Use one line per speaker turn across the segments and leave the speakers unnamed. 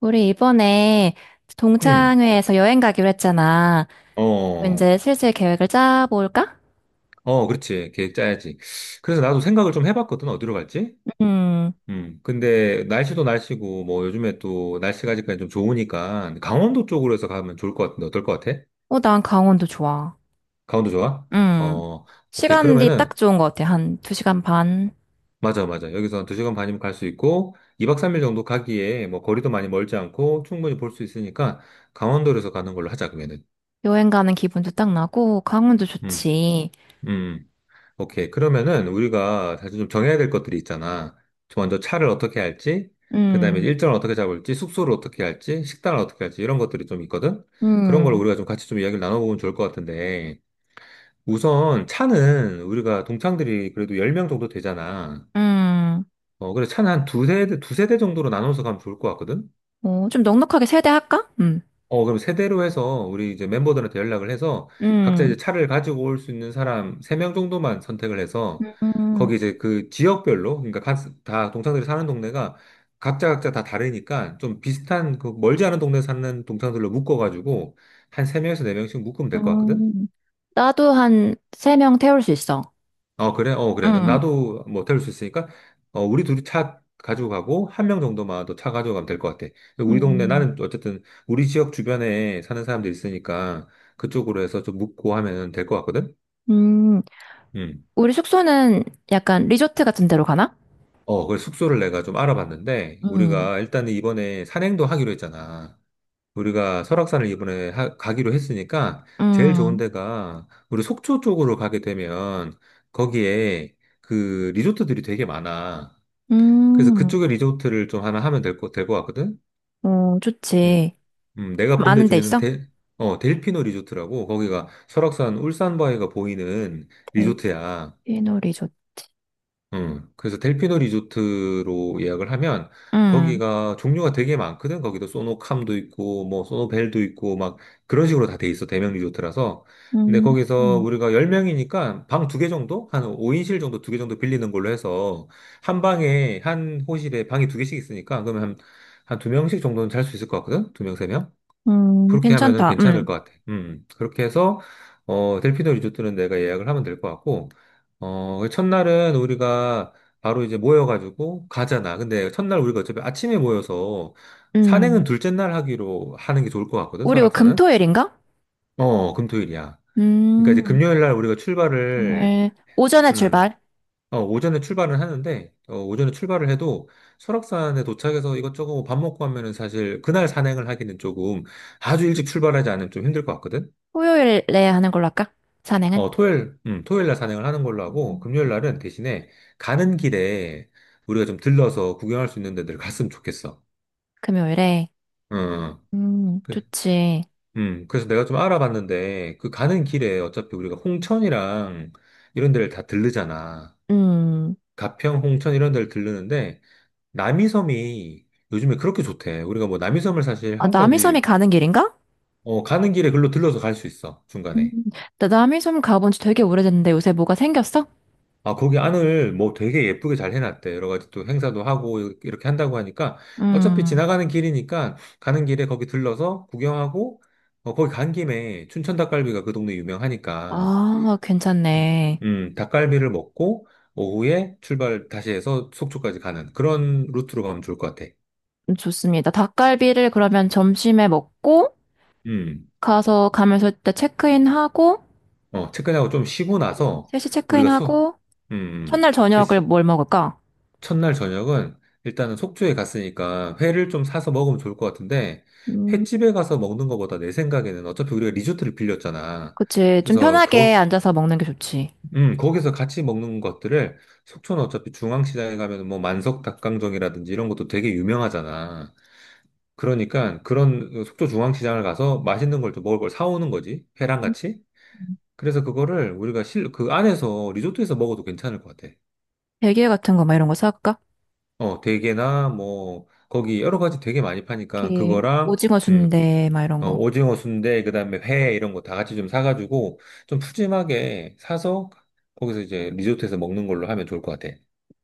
우리 이번에
음,
동창회에서 여행 가기로 했잖아.
어.
이제 슬슬 계획을 짜볼까?
어, 그렇지. 계획 짜야지. 그래서 나도 생각을 좀 해봤거든. 어디로 갈지?
음.
근데 날씨도 날씨고, 뭐 요즘에 또 날씨가 아직까지 좀 좋으니까 강원도 쪽으로 해서 가면 좋을 것 같은데 어떨 것 같아?
어, 난 강원도 좋아.
강원도 좋아?
음.
어, 오케이.
시간이
그러면은,
딱 좋은 것 같아. 한 2시간 반.
맞아, 맞아. 여기서 한 2시간 반이면 갈 수 있고, 2박 3일 정도 가기에 뭐 거리도 많이 멀지 않고 충분히 볼 수 있으니까 강원도에서 가는 걸로 하자, 그러면은.
여행 가는 기분도 딱 나고, 강원도
음,
좋지.
음. 오케이. 그러면은 우리가 사실 좀 정해야 될 것들이 있잖아. 저 먼저 차를 어떻게 할지, 그 다음에
음.
일정을 어떻게 잡을지, 숙소를 어떻게 할지, 식단을 어떻게 할지, 이런 것들이 좀 있거든? 그런 걸
음.
우리가 좀 같이 좀 이야기를 나눠보면 좋을 것 같은데, 우선 차는 우리가 동창들이 그래도 10명 정도 되잖아.
음.
어, 그래서 차는 한 두세 대 정도로 나눠서 가면 좋을 것 같거든?
어, 좀 넉넉하게 세대할까? 음.
어, 그럼 세대로 해서 우리 이제 멤버들한테 연락을 해서 각자 이제
음.
차를 가지고 올 수 있는 사람 세 명 정도만 선택을 해서
음.
거기 이제 그 지역별로 그러니까 다 동창들이 사는 동네가 각자 각자 다 다르니까 좀 비슷한 그 멀지 않은 동네 사는 동창들로 묶어가지고 한 세 명에서 네 명씩 묶으면 될 것 같거든?
음. 나도 한 세 명 태울 수 있어.
어, 그래? 어, 그래. 그럼
음.
나도 뭐 태울 수 있으니까, 어, 우리 둘이 차 가지고 가고, 한 명 정도만 더 차 가져가면 될 것 같아. 근데 우리 동네,
음.
나는 어쨌든 우리 지역 주변에 사는 사람들 있으니까, 그쪽으로 해서 좀 묻고 하면 될 것 같거든?
음.
음.
우리 숙소는 약간 리조트 같은 데로 가나?
어, 그래서 숙소를 내가 좀 알아봤는데,
음,
우리가 일단 이번에 산행도 하기로 했잖아. 우리가 설악산을 이번에 가기로 했으니까, 제일 좋은
음,
데가, 우리 속초 쪽으로 가게 되면, 거기에 그 리조트들이 되게 많아. 그래서
음,
그쪽에 리조트를 좀 하나 하면 될 것 같거든?
어,
음.
좋지.
내가
좀
본데
아는 데
중에는
있어?
어, 델피노 리조트라고, 거기가 설악산 울산바위가 보이는 리조트야.
델피노 리조트.
그래서 델피노 리조트로 예약을 하면
음,
거기가 종류가 되게 많거든. 거기도 소노캄도 있고 뭐 소노벨도 있고 막 그런 식으로 다 돼 있어. 대명 리조트라서. 근데
음,
거기서
음,
우리가 10명이니까 방 두 개 정도? 한 5인실 정도 두 개 정도 빌리는 걸로 해서 한 방에 한 호실에 방이 두 개씩 있으니까 그러면 한, 한 두 명씩 정도는 잘 수 있을 것 같거든. 두 명, 세 명. 그렇게 하면은
괜찮다.
괜찮을 것 같아. 그렇게 해서, 어, 델피노 리조트는 내가 예약을 하면 될 것 같고, 어, 그 첫날은 우리가 바로 이제 모여가지고 가잖아. 근데 첫날 우리가 어차피 아침에 모여서 산행은
음.
둘째 날 하기로 하는 게 좋을 것 같거든,
우리 뭐
설악산은?
금토일인가?
어, 금토일이야. 그러니까 이제
음,
금요일 날 우리가 출발을,
금요일. 오전에
음,
출발.
어, 오전에 출발을 하는데, 어, 오전에 출발을 해도 설악산에 도착해서 이것저것 밥 먹고 하면은 사실 그날 산행을 하기는 조금 아주 일찍 출발하지 않으면 좀 힘들 것 같거든?
토요일에 하는 걸로 할까? 산행은?
어, 토요일, 토요일 날 산행을 하는 걸로 하고, 금요일 날은 대신에 가는 길에 우리가 좀 들러서 구경할 수 있는 데들 갔으면 좋겠어.
금요일에.
응. 응. 그,
좋지.
그래서 내가 좀 알아봤는데, 그 가는 길에 어차피 우리가 홍천이랑 이런 데를 다 들르잖아.
음,
가평, 홍천 이런 데를 들르는데, 남이섬이 요즘에 그렇게 좋대. 우리가 뭐 남이섬을 사실
아,
한국
남이섬이
사람들이
가는 길인가?
어, 가는 길에 글로 들러서 갈 수 있어,
음,
중간에.
나 남이섬 가본 지 되게 오래됐는데 요새 뭐가 생겼어?
아, 거기 안을 뭐 되게 예쁘게 잘 해놨대. 여러 가지 또 행사도 하고 이렇게 한다고 하니까 어차피
음,
지나가는 길이니까 가는 길에 거기 들러서 구경하고 어, 거기 간 김에 춘천 닭갈비가 그 동네 유명하니까
아,
음,
괜찮네.
닭갈비를 먹고 오후에 출발 다시 해서 속초까지 가는 그런 루트로 가면 좋을 것 같아.
좋습니다. 닭갈비를 그러면 점심에 먹고,
음,
가서 가면서 때 체크인하고,
어, 체크인하고 좀 쉬고 나서
3시
우리가
체크인하고,
음,
첫날
셋이
저녁을 뭘 먹을까?
첫날 저녁은 일단은 속초에 갔으니까 회를 좀 사서 먹으면 좋을 것 같은데
음,
횟집에 가서 먹는 것보다 내 생각에는 어차피 우리가 리조트를 빌렸잖아.
그치. 좀
그래서
편하게 앉아서 먹는 게 좋지.
거기서 같이 먹는 것들을 속초는 어차피 중앙시장에 가면 뭐 만석 닭강정이라든지 이런 것도 되게 유명하잖아. 그러니까 그런 속초 중앙시장을 가서 맛있는 걸 좀 먹을 걸 사오는 거지. 회랑
음.
같이. 그래서 그거를 우리가 그 안에서 리조트에서 먹어도 괜찮을 것 같아.
대게 같은 거, 막 이런 거 사갈까?
어, 대게나 뭐 거기 여러 가지 되게 많이 파니까
이렇게,
그거랑
오징어
음,
순대, 막 이런
어,
거.
오징어 순대 그다음에 회 이런 거 다 같이 좀 사가지고 좀 푸짐하게 사서 거기서 이제 리조트에서 먹는 걸로 하면 좋을 것 같아.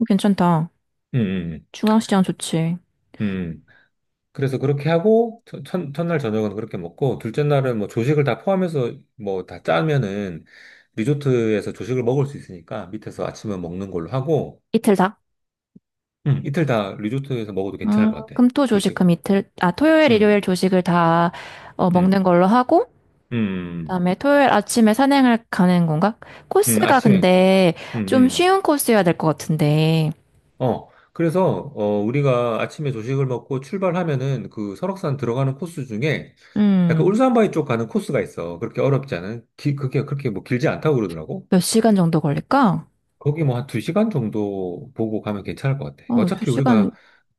괜찮다.
음, 음,
중앙시장 좋지.
음. 음. 그래서 그렇게 하고 첫날 저녁은 그렇게 먹고 둘째 날은 뭐 조식을 다 포함해서 뭐 다 짜면은 리조트에서 조식을 먹을 수 있으니까 밑에서 아침은 먹는 걸로 하고
이틀 다?
이틀 다 리조트에서 먹어도 괜찮을 것 같아.
금, 토, 조식, 금
조식은.
이틀, 아, 토요일,
음,
일요일 조식을 다, 어, 먹는
음,
걸로 하고,
음. 음, 음.
그다음에 토요일 아침에 산행을 가는 건가? 코스가
아침에.
근데
음,
좀
음.
쉬운 코스여야 될 것 같은데,
어. 그래서, 어, 우리가 아침에 조식을 먹고 출발하면은 그 설악산 들어가는 코스 중에 약간
음,
울산바위 쪽 가는 코스가 있어. 그렇게 어렵지 않은, 그게 그렇게 뭐 길지 않다고 그러더라고.
몇 시간 정도 걸릴까?
거기 뭐 한 두 시간 정도 보고 가면 괜찮을 것 같아.
어, 두
어차피
시간
우리가,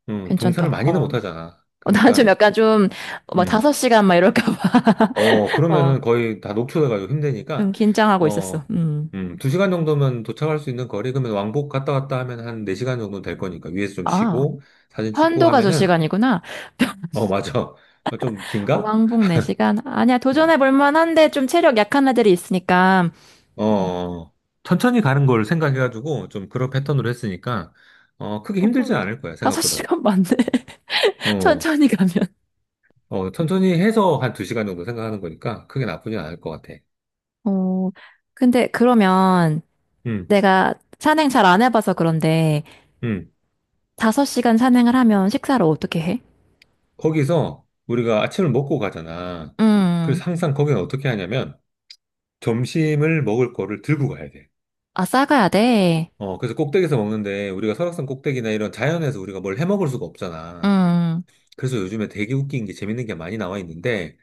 등산을
괜찮다. 어,
많이는 못 하잖아.
어, 나는 좀
그러니까,
약간 좀, 막
음.
다섯 시간 막 이럴까 봐.
어,
어,
그러면은 거의 다 녹초돼 가지고
좀
힘드니까,
긴장하고 있었어.
어,
음.
두 시간 정도면 도착할 수 있는 거리, 그러면 왕복 갔다 왔다 하면 한 네 시간 정도 될 거니까, 위에서 좀
아,
쉬고, 사진 찍고
편도가 두
하면은,
시간이구나.
어, 맞아. 좀 긴가?
왕복 네 시간. 아니야, 도전해
음,
볼 만한데 좀 체력 약한 애들이 있으니까.
어, 어, 어. 천천히 가는 걸 생각해가지고, 좀 그런 패턴으로 했으니까, 어, 크게 힘들진
조금
않을 거야,
다섯
생각보다.
시간 맞네.
어,
천천히 가면.
어, 천천히 해서 한 두 시간 정도 생각하는 거니까, 크게 나쁘진 않을 것 같아.
어, 근데 그러면,
음,
내가 산행 잘 안 해봐서 그런데
음.
5시간 산행을 하면 식사를 어떻게 해?
거기서 우리가 아침을 먹고 가잖아.
음,
그래서 항상 거기는 어떻게 하냐면 점심을 먹을 거를 들고 가야 돼.
아, 싸가야 돼.
어, 그래서 꼭대기에서 먹는데 우리가 설악산 꼭대기나 이런 자연에서 우리가 뭘 해 먹을 수가 없잖아.
음,
그래서 요즘에 되게 웃긴 게 재밌는 게 많이 나와 있는데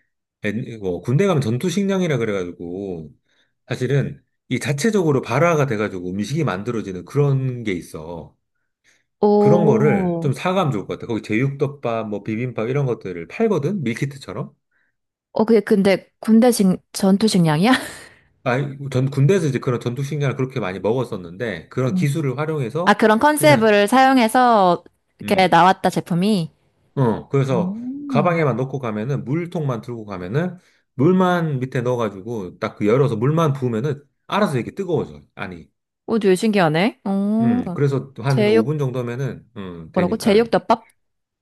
뭐 군대 가면 전투식량이라 그래가지고 사실은 이 자체적으로 발화가 돼가지고 음식이 만들어지는 그런 게 있어. 그런 거를
오,
좀 사가면 좋을 것 같아. 거기 제육덮밥, 뭐 비빔밥 이런 것들을 팔거든? 밀키트처럼?
어, 그게 근데 군대 식, 전투 식량이야?
아, 전 군대에서 이제 그런 전투식량을 그렇게 많이 먹었었는데, 그런
음.
기술을
아,
활용해서
그런
그냥,
컨셉을 사용해서 이렇게
음,
나왔다, 제품이.
어, 그래서
오,
가방에만 넣고 가면은, 물통만 들고 가면은, 물만 밑에 넣어가지고, 딱그 열어서 물만 부으면은, 알아서 이게 렇 뜨거워져요. 아니,
오, 되게 신기하네. 오,
그래서 한
제육,
5분 정도면은,
뭐라고?
되니까.
제육덮밥?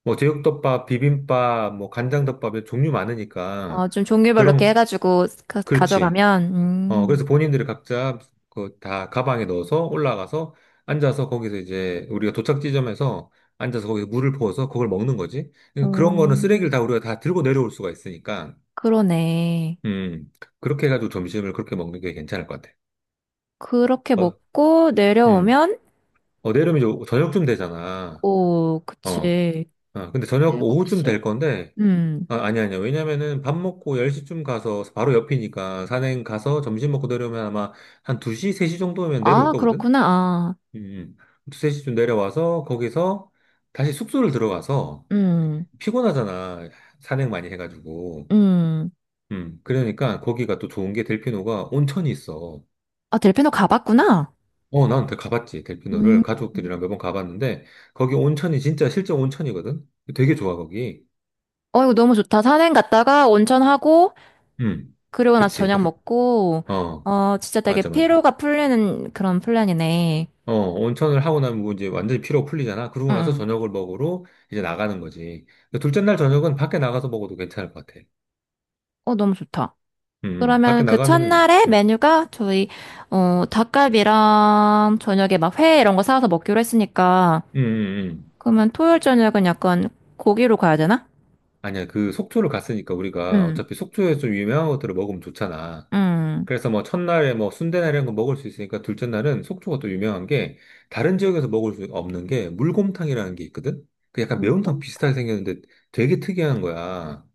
뭐, 제육덮밥, 비빔밥, 뭐, 간장덮밥에 종류 많으니까,
어, 좀 종류별로 이렇게
그런,
해가지고 가,
그렇지.
져가면
어, 그래서 본인들이 각자 그 다 가방에 넣어서 올라가서 앉아서 거기서 이제 우리가 도착 지점에서 앉아서 거기서 물을 부어서 그걸 먹는 거지.
오,
그런 거는 쓰레기를 다 우리가 다 들고 내려올 수가 있으니까,
그러네.
음, 그렇게 해가지고 점심을 그렇게 먹는 게 괜찮을 것 같아.
그렇게
어,
먹고
음,
내려오면,
어, 내려면 이제 저녁쯤 되잖아.
오,
어,
그치.
어, 근데 저녁 오후쯤 될
7시?
건데,
음.
아, 아니, 아니야. 왜냐면은 밥 먹고 10시쯤 가서 바로 옆이니까 산행 가서 점심 먹고 내려오면 아마 한 2시, 3시 정도면 내려올
아,
거거든?
그렇구나. 아,
음, 두세 시쯤 내려와서 거기서 다시 숙소를 들어가서
음,
피곤하잖아. 산행 많이 해가지고.
음.
그러니까 거기가 또 좋은 게 델피노가 온천이 있어.
아, 델피노 가봤구나.
어, 난 가봤지.
음.
델피노를 가족들이랑 몇 번 가봤는데 거기 온천이 진짜 실제 온천이거든. 되게 좋아 거기.
어, 이거 너무 좋다. 산행 갔다가 온천하고,
음,
그리고 나서
그치.
저녁 먹고,
어,
어, 진짜 되게
맞아, 맞아.
피로가 풀리는 그런 플랜이네.
어, 온천을 하고 나면 뭐 이제 완전히 피로 풀리잖아.
응,
그러고 나서
응.
저녁을 먹으러 이제 나가는 거지. 근데 둘째 날 저녁은 밖에 나가서 먹어도 괜찮을 것 같아.
어, 너무 좋다.
밖에
그러면 그
나가면은,
첫날에 메뉴가 저희, 어, 닭갈비랑 저녁에 막 회 이런 거 사와서 먹기로 했으니까,
음, 음, 음.
그러면 토요일 저녁은 약간 고기로 가야 되나?
아니야, 그 속초를 갔으니까 우리가
응,
어차피 속초에서 좀 유명한 것들을 먹으면 좋잖아.
응.
그래서 뭐 첫날에 뭐 순대나 이런 거 먹을 수 있으니까 둘째 날은 속초가 또 유명한 게 다른 지역에서 먹을 수 없는 게 물곰탕이라는 게 있거든? 그 약간
물
매운탕
곰탕
비슷하게 생겼는데 되게 특이한 거야.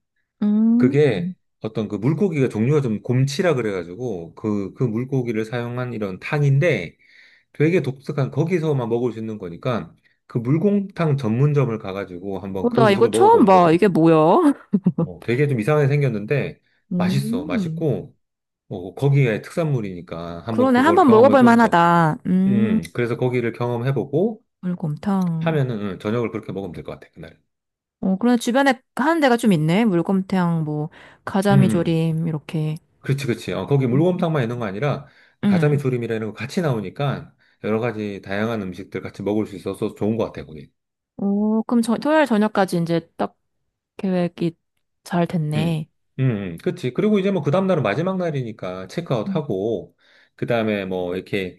음.
그게 어떤 그 물고기가 종류가 좀 곰치라 그래가지고 그 물고기를 사용한 이런 탕인데 되게 독특한 거기서만 먹을 수 있는 거니까 그 물곰탕 전문점을 가가지고
어,
한번 그
나 이거
음식을
처음
먹어보는 것도.
봐. 이게 뭐야?
어, 되게 좀 이상하게 생겼는데 맛있어,
음.
맛있고 어, 거기에 특산물이니까 한번
그러네. 한
그걸
번 먹어볼
경험해보는 거.
만하다.
음, 그래서 거기를 경험해보고
물곰탕.
하면은 저녁을 그렇게 먹으면 될 것 같아 그날.
어, 그러네. 주변에 하는 데가 좀 있네. 물곰탕, 뭐,
음,
가자미조림, 이렇게.
그렇지, 그렇지. 어, 거기
음.
물곰탕만 있는 거 아니라 가자미
음.
조림이라 이런 거 같이 나오니까 여러 가지 다양한 음식들 같이 먹을 수 있어서 좋은 것 같아 거기.
오, 그럼 저, 토요일 저녁까지 이제 딱 계획이 잘
음,
됐네.
음, 그치. 그리고 이제 뭐 그 다음날은 마지막 날이니까 체크아웃
음.
하고, 그 다음에 뭐 이렇게,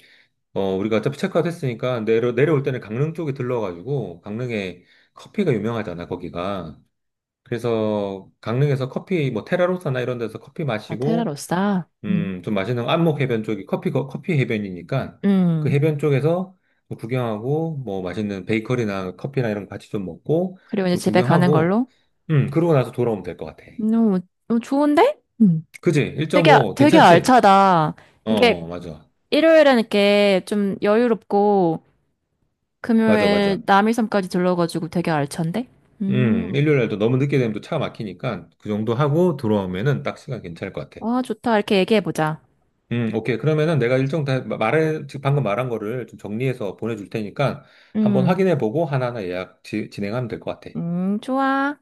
어, 우리가 어차피 체크아웃 했으니까 내려올 때는 강릉 쪽에 들러가지고, 강릉에 커피가 유명하잖아, 거기가. 그래서 강릉에서 커피, 뭐 테라로사나 이런 데서 커피
아,
마시고,
테라로사. 음.
좀 맛있는 안목 해변 쪽이 커피, 커피 해변이니까 그
음.
해변 쪽에서 뭐 구경하고, 뭐 맛있는 베이커리나 커피나 이런 거 같이 좀 먹고,
그리고 이제
좀
집에 가는
구경하고,
걸로?
그러고 나서 돌아오면 될 것 같아.
너무 어, 좋은데? 음.
그지?
되게,
1.5
되게
괜찮지?
알차다.
어,
이게
어, 맞아.
일요일엔 이렇게 좀 여유롭고
맞아,
금요일
맞아.
남일섬까지 들러가지고 되게 알찬데? 음,
일요일 날도 너무 늦게 되면 또 차 막히니까 그 정도 하고 들어오면은 딱 시간 괜찮을 것 같아.
와, 좋다. 이렇게 얘기해보자.
오케이. 그러면은 내가 일정 다 말해, 지금 방금 말한 거를 좀 정리해서 보내줄 테니까 한번
음,
확인해 보고 하나하나 예약 진행하면 될 것 같아.
좋아.